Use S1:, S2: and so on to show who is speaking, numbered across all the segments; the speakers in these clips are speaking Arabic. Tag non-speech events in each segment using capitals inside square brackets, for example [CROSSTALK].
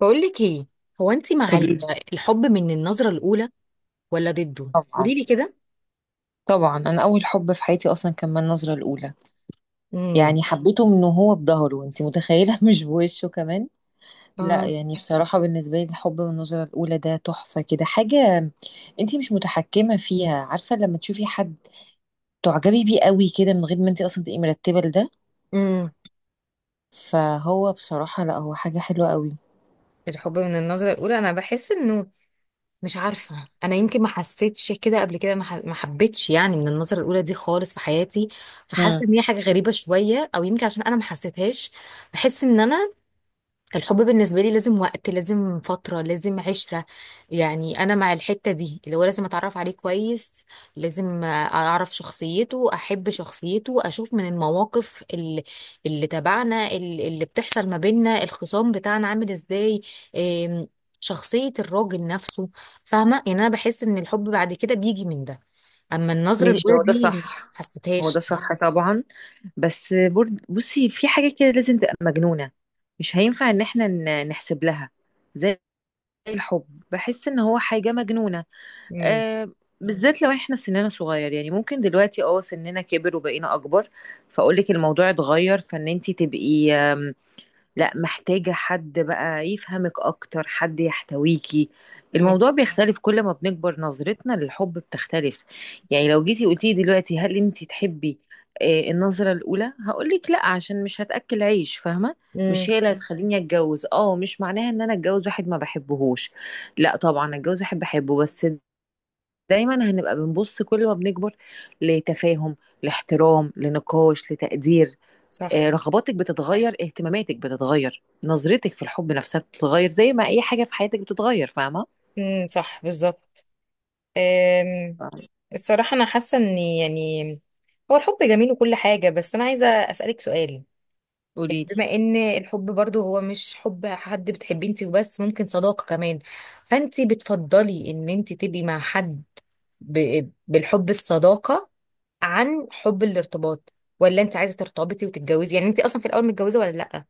S1: بقولك ايه. هو انت مع
S2: قولي.
S1: الحب من النظرة الأولى ولا ضده؟
S2: طبعا.
S1: قولي لي كده.
S2: طبعا انا اول حب في حياتي اصلا كان من النظره الاولى.
S1: امم.
S2: يعني حبيته من وهو بظهره، انت متخيله؟ [LAUGHS] مش بوشه كمان. لا
S1: اه.
S2: يعني بصراحه بالنسبه لي، الحب من النظره الاولى ده تحفه كده، حاجه انت مش متحكمه فيها. عارفه لما تشوفي حد تعجبي بيه قوي كده من غير ما انت اصلا تبقي مرتبه لده؟
S1: امم.
S2: فهو بصراحه لا، هو حاجه حلوه قوي.
S1: الحب من النظرة الأولى أنا بحس إنه، مش عارفة، أنا يمكن ما حسيتش كده قبل كده، ما حبيتش يعني من النظرة الأولى دي خالص في حياتي.
S2: امم،
S1: فحاسة إن هي حاجة غريبة شوية، أو يمكن عشان أنا ما حسيتهاش. بحس إن أنا، الحب بالنسبة لي لازم وقت، لازم فترة، لازم عشرة. يعني أنا مع الحتة دي، اللي هو لازم أتعرف عليه كويس، لازم أعرف شخصيته، أحب شخصيته، أشوف من المواقف اللي تبعنا، اللي بتحصل ما بيننا، الخصام بتاعنا عامل إزاي، إم، شخصية الراجل نفسه. فاهمة؟ يعني أنا بحس إن الحب بعد كده بيجي من ده. أما النظرة
S2: ماشي.
S1: الأولى
S2: هو ده
S1: دي
S2: صح. هو
S1: محسيتهاش.
S2: ده صح طبعا، بس برد بصي، في حاجة كده لازم تبقى مجنونة، مش هينفع ان احنا نحسب لها. زي الحب، بحس ان هو حاجة مجنونة.
S1: امم.
S2: آه، بالذات لو احنا سننا صغير. يعني ممكن دلوقتي سننا كبر وبقينا اكبر، فاقولك الموضوع اتغير، فان انتي تبقي لا محتاجة حد بقى يفهمك أكتر، حد يحتويكي.
S1: امم.
S2: الموضوع بيختلف كل ما بنكبر، نظرتنا للحب بتختلف. يعني لو جيتي قلتي دلوقتي هل انت تحبي النظرة الأولى، هقولك لا، عشان مش هتأكل عيش، فاهمة؟ مش
S1: مم.
S2: هي اللي هتخليني اتجوز. اه مش معناها ان انا اتجوز واحد ما بحبهوش، لا طبعا اتجوز واحد بحبه، بس دايما هنبقى بنبص كل ما بنكبر لتفاهم، لاحترام، لنقاش، لتقدير.
S1: صح.
S2: رغباتك بتتغير، اهتماماتك بتتغير، نظرتك في الحب نفسها بتتغير، زي ما اي حاجه في حياتك بتتغير، فاهمه؟
S1: امم، صح، بالظبط. أم.
S2: فاهمة.
S1: الصراحة أنا حاسة إن يعني هو الحب جميل وكل حاجة، بس أنا عايزة أسألك سؤال. يعني
S2: قولي لي.
S1: بما إن الحب برضو هو مش حب حد بتحبيه أنت وبس، ممكن صداقة كمان. فأنت بتفضلي إن أنت تبقي مع حد بالحب الصداقة عن حب الارتباط؟ ولا أنت عايزة ترتبطي وتتجوزي؟ يعني أنت أصلا في الأول متجوزة ولا لأ؟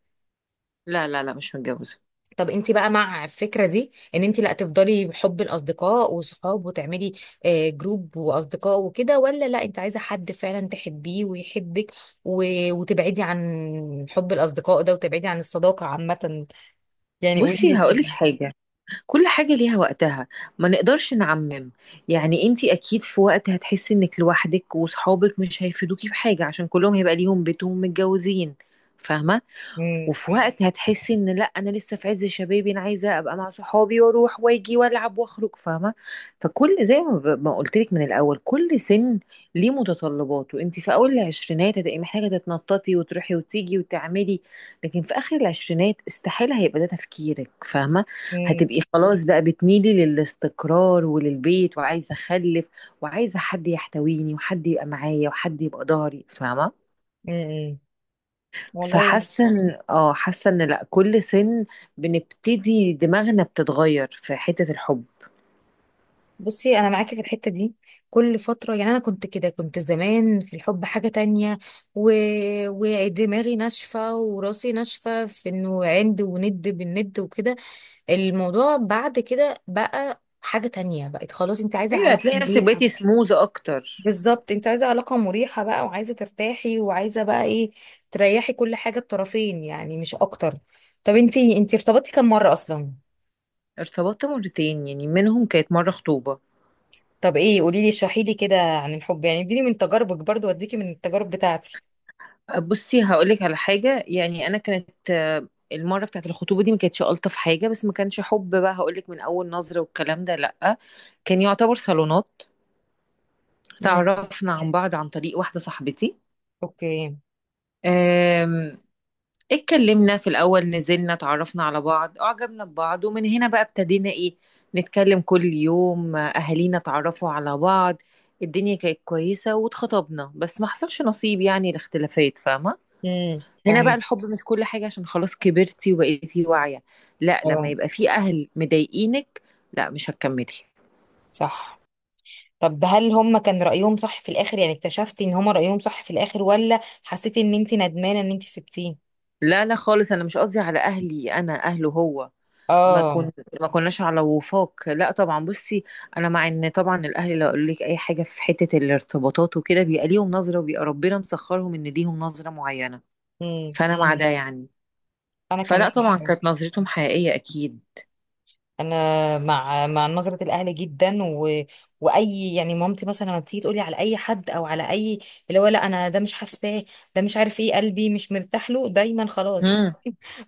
S2: لا لا لا، مش متجوزه.
S1: طب انت بقى مع الفكره دي، ان انت لا تفضلي بحب الاصدقاء وصحاب وتعملي جروب واصدقاء وكده، ولا لا، انت عايزه حد فعلا تحبيه ويحبك، وتبعدي عن حب الاصدقاء ده، وتبعدي عن الصداقه عامه. يعني قولي
S2: بصي
S1: لي كده.
S2: هقولك حاجه، كل حاجه ليها وقتها، ما نقدرش نعمم. يعني انتي اكيد في وقت هتحسي انك لوحدك وصحابك مش هيفيدوكي في حاجه عشان كلهم هيبقى ليهم بيتهم، متجوزين، فاهمه؟
S1: امم.
S2: وفي وقت هتحسي ان لا، انا لسه في عز شبابي، انا عايزه ابقى مع صحابي واروح واجي والعب واخرج، فاهمه؟ فكل زي ما ما قلت لك من الاول، كل سن ليه متطلباته. انت في اول العشرينات هتبقي محتاجه تتنططي وتروحي وتيجي وتعملي، لكن في اخر العشرينات استحيل هيبقى ده تفكيرك، فاهمه؟
S1: امم.
S2: هتبقي خلاص بقى بتميلي للاستقرار وللبيت، وعايزه اخلف، وعايزه حد يحتويني، وحد يبقى معايا، وحد يبقى ضهري، فاهمه؟
S1: امم. والله.
S2: فحاسه ان اه حاسه ان لا، كل سن بنبتدي دماغنا بتتغير في حته الحب.
S1: بصي، انا معاكي في الحته دي. كل فتره، يعني انا كنت كده، كنت زمان في الحب حاجه تانية و... ودماغي ناشفه وراسي ناشفه في انه عند وند بالند وكده. الموضوع بعد كده بقى حاجة تانية، بقت خلاص انت عايزة
S2: ايوه،
S1: علاقة
S2: هتلاقي نفسك
S1: مريحة.
S2: بقيتي سموز اكتر.
S1: بالظبط، انت عايزة علاقة مريحة بقى، وعايزة ترتاحي، وعايزة بقى ايه، تريحي كل حاجة، الطرفين يعني، مش اكتر. طب انت ارتبطتي كم مرة اصلا؟
S2: ارتبطت مرتين، يعني منهم كانت مره خطوبه.
S1: طب ايه، قولي لي، اشرحي لي كده عن الحب، يعني اديني من تجاربك برضو واديكي من التجارب بتاعتي.
S2: بصي هقولك على حاجه، يعني انا كانت المره بتاعت الخطوبه دي ما كانتش الطف حاجه، بس ما كانش حب بقى هقولك من اول نظره والكلام ده، لا. كان يعتبر صالونات.
S1: امم.
S2: تعرفنا عن بعض عن طريق واحده صاحبتي،
S1: اوكي.
S2: اتكلمنا في الأول، نزلنا اتعرفنا على بعض، أعجبنا ببعض، ومن هنا بقى ابتدينا إيه، نتكلم كل يوم، أهالينا اتعرفوا على بعض، الدنيا كانت كويسة واتخطبنا. بس ما حصلش نصيب، يعني الاختلافات، فاهمة؟
S1: امم،
S2: هنا بقى
S1: فاهمك.
S2: الحب مش كل حاجة، عشان خلاص كبرتي وبقيتي واعية، لا، لما
S1: اه.
S2: يبقى في أهل مضايقينك لا، مش هتكملي.
S1: صح. طب هل هم كان رأيهم صح في الآخر؟ يعني اكتشفتي ان هم رأيهم صح في الآخر ولا حسيتي ان انت ندمانة ان انت سبتيه؟
S2: لا لا خالص، أنا مش قصدي على أهلي، أنا أهله هو. ما
S1: اه.
S2: كن ما كناش على وفاق، لا طبعا. بصي، انا مع ان طبعا الاهل لو قالوا لك اي حاجه في حته الارتباطات وكده، بيبقى ليهم نظره، وبيبقى ربنا مسخرهم ان ليهم نظره معينه.
S1: امم.
S2: فانا مع ده يعني.
S1: انا كمان.
S2: فلا طبعا كانت نظرتهم حقيقيه اكيد.
S1: انا مع نظره الاهل جدا واي يعني، مامتي مثلا لما بتيجي تقولي على اي حد او على اي، اللي هو لا، انا ده مش حاساه، ده مش عارف ايه، قلبي مش مرتاح له، دايما خلاص
S2: امم.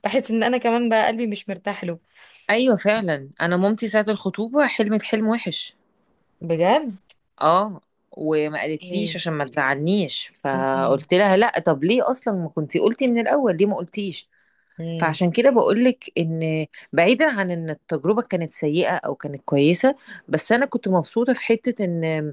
S1: بحس ان انا كمان بقى قلبي مش مرتاح له.
S2: ايوه فعلا، انا مامتي ساعه الخطوبه حلمت حلم وحش.
S1: بجد.
S2: اه. وما قالتليش
S1: ايه.
S2: عشان ما تزعلنيش،
S1: امم.
S2: فقلت لها لا، طب ليه اصلا ما كنتي قلتي من الاول؟ ليه ما قلتيش؟
S1: امم.
S2: فعشان كده بقولك ان، بعيدا عن ان التجربة كانت سيئة او كانت كويسة، بس انا كنت مبسوطة في حتة ان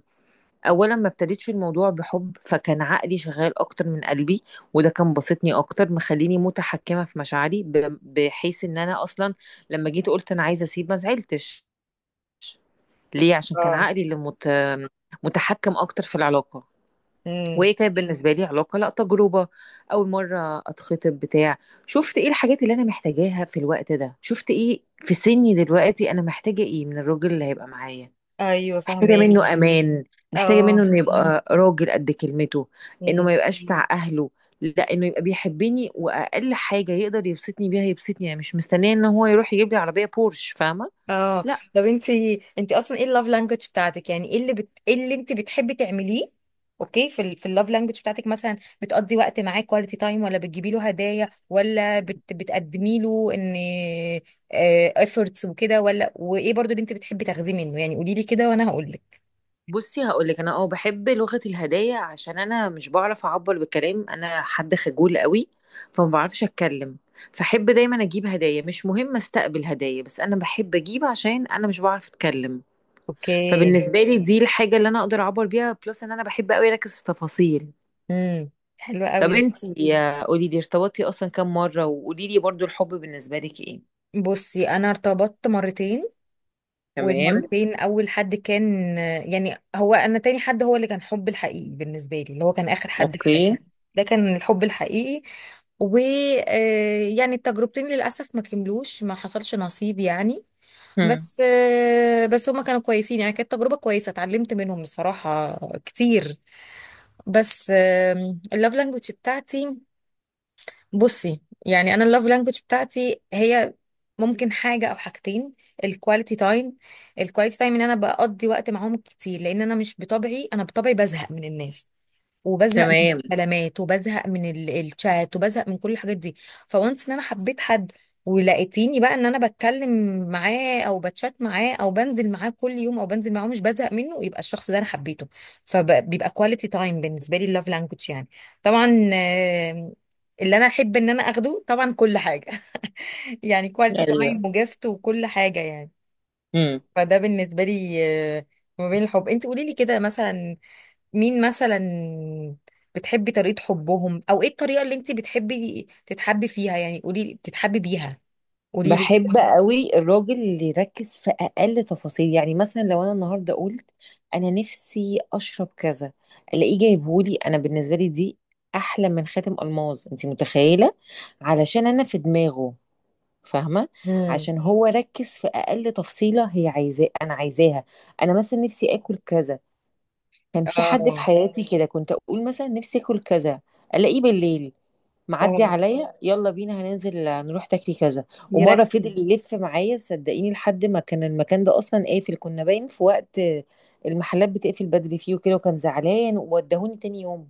S2: اولا ما ابتديتش الموضوع بحب، فكان عقلي شغال اكتر من قلبي، وده كان بسطني اكتر، مخليني متحكمة في مشاعري، بحيث ان انا اصلا لما جيت قلت انا عايزة اسيب، ما زعلتش، ليه؟ عشان كان
S1: اه.
S2: عقلي اللي متحكم اكتر في العلاقة.
S1: امم.
S2: وهي كانت بالنسبه لي علاقه، لا تجربه، اول مره اتخطب بتاع، شفت ايه الحاجات اللي انا محتاجاها في الوقت ده، شفت ايه في سني دلوقتي، انا محتاجه ايه من الراجل اللي هيبقى معايا.
S1: ايوه،
S2: محتاجه
S1: فهماكي.
S2: منه امان، محتاجه منه
S1: اه.
S2: انه يبقى راجل قد كلمته، انه ما يبقاش بتاع اهله، لا، انه يبقى بيحبني، واقل حاجه يقدر يبسطني بيها يبسطني، انا مش مستنيه ان هو يروح يجيب لي عربيه بورش، فاهمه؟
S1: اه. طب انتي اصلا ايه اللاف لانجوج بتاعتك؟ يعني ايه ايه اللي انتي بتحبي تعمليه؟ اوكي، في اللاف لانجوج بتاعتك مثلا، بتقضي وقت معاه كواليتي تايم، ولا بتجيبي له هدايا، ولا بتقدمي له ان افورتس وكده، ولا وايه برضو اللي انتي بتحبي تاخديه منه؟ يعني قولي لي كده وانا هقول لك.
S2: بصي هقولك، انا بحب لغة الهدايا، عشان انا مش بعرف اعبر بالكلام، انا حد خجول قوي، فما بعرفش اتكلم، فحب دايما اجيب هدايا، مش مهم استقبل هدايا، بس انا بحب اجيب عشان انا مش بعرف اتكلم.
S1: اوكي.
S2: فبالنسبة لي دي الحاجة اللي انا اقدر اعبر بيها، بلس ان انا بحب قوي اركز في تفاصيل.
S1: امم. حلو قوي
S2: طب
S1: ده.
S2: انتي قولي لي، ارتبطتي اصلا كام مرة؟ وقولي لي برضو الحب بالنسبة لك ايه؟
S1: بصي انا ارتبطت مرتين.
S2: تمام.
S1: والمرتين اول حد كان، يعني هو، انا تاني حد هو اللي كان حب الحقيقي بالنسبه لي، اللي هو كان اخر حد في حياتي.
S2: اوكي.
S1: ده كان الحب الحقيقي. و يعني التجربتين للاسف ما كملوش، ما حصلش نصيب يعني.
S2: هم.
S1: بس بس هما كانوا كويسين، يعني كانت تجربه كويسه، اتعلمت منهم بصراحه كتير. بس اللوف لانجوج بتاعتي، بصي يعني انا اللوف لانجوج بتاعتي هي ممكن حاجة أو حاجتين. الكواليتي تايم. الكواليتي تايم إن أنا بقضي وقت معاهم كتير، لأن أنا مش بطبعي، أنا بطبعي بزهق من الناس، وبزهق من
S2: تمام.
S1: الكلامات، وبزهق من الشات، وبزهق من كل الحاجات دي. فوانس إن أنا حبيت حد، ولقيتيني بقى إن أنا بتكلم معاه، أو بتشات معاه، أو بنزل معاه كل يوم، أو بنزل معاه مش بزهق منه، يبقى الشخص ده أنا حبيته. فبيبقى كواليتي تايم بالنسبة لي اللاف لانجوج يعني. طبعا اللي أنا أحب إن أنا أخده طبعا كل حاجة، يعني كواليتي
S2: ايوه،
S1: تمام وجفت وكل حاجة يعني. فده بالنسبة لي. آه، ما بين الحب، انت قولي لي كده مثلا، مين مثلا بتحبي طريقة حبهم، او ايه الطريقة اللي انت بتحبي تتحبي فيها؟ يعني قولي لي بتتحبي بيها. قولي لي.
S2: بحب قوي الراجل اللي يركز في اقل تفاصيل. يعني مثلا لو انا النهارده قلت انا نفسي اشرب كذا، الاقيه جايبهولي، انا بالنسبه لي دي احلى من خاتم الماظ، انت متخيله؟ علشان انا في دماغه، فاهمه؟
S1: امم.
S2: عشان هو ركز في اقل تفصيله هي عايزاه، انا عايزاها. انا مثلا نفسي اكل كذا، كان في حد في
S1: اه.
S2: حياتي كده، كنت اقول مثلا نفسي اكل كذا، الاقيه بالليل معدي
S1: اه،
S2: عليا، يلا بينا هننزل نروح تاكلي كذا. ومره
S1: يركز.
S2: فضل يلف معايا صدقيني لحد ما كان المكان ده اصلا قافل، كنا باين في وقت المحلات بتقفل بدري فيه وكده، وكان زعلان وودهوني تاني يوم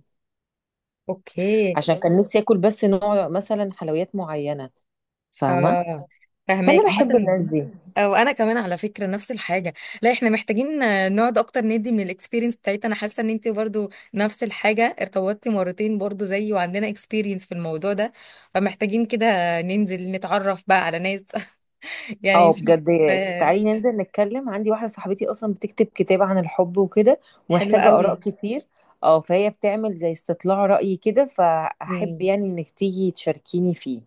S1: اوكي.
S2: عشان كان نفسي اكل بس نوع مثلا حلويات معينه، فاهمه؟
S1: اه، فهماك
S2: فانا بحب
S1: عامة.
S2: الناس دي.
S1: وانا كمان على فكره نفس الحاجه. لا، احنا محتاجين نقعد اكتر، ندي من الاكسبيرينس بتاعتنا، انا حاسه ان انت برضو نفس الحاجه، ارتبطتي مرتين برضو زيي، وعندنا اكسبيرينس في الموضوع ده. فمحتاجين كده ننزل نتعرف بقى على ناس [LAUGHS]
S2: اه،
S1: يعني.
S2: بجد
S1: آه،
S2: تعالي ننزل نتكلم، عندي واحدة صاحبتي اصلا بتكتب كتاب عن الحب وكده،
S1: حلوه
S2: ومحتاجة اراء
S1: قوي.
S2: كتير. اه، فهي بتعمل زي استطلاع رأي كده، فاحب يعني انك تيجي تشاركيني فيه.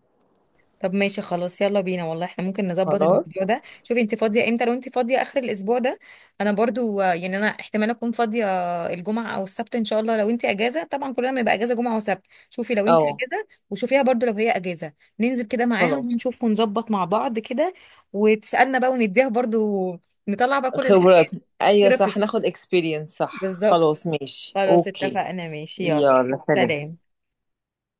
S1: طب ماشي خلاص يلا بينا والله، احنا ممكن نظبط
S2: خلاص.
S1: الموضوع ده، شوفي انت فاضية امتى، لو انت فاضية اخر الاسبوع ده. انا برضو يعني انا احتمال اكون فاضية الجمعة او السبت ان شاء الله، لو انت اجازة، طبعا كلنا بنبقى اجازة جمعة وسبت، شوفي لو انت
S2: اه،
S1: اجازة، وشوفيها برضو لو هي اجازة، ننزل كده معاها
S2: خلاص.
S1: ونشوف ونظبط مع بعض كده، وتسألنا بقى ونديها برضو، نطلع بقى كل الحاجات.
S2: خبرات. ايوه صح،
S1: ثيرابيست.
S2: ناخد اكسبيرينس، صح،
S1: بالظبط.
S2: خلاص ماشي،
S1: خلاص
S2: اوكي.
S1: اتفقنا ماشي يلا.
S2: يلا سلام.
S1: سلام.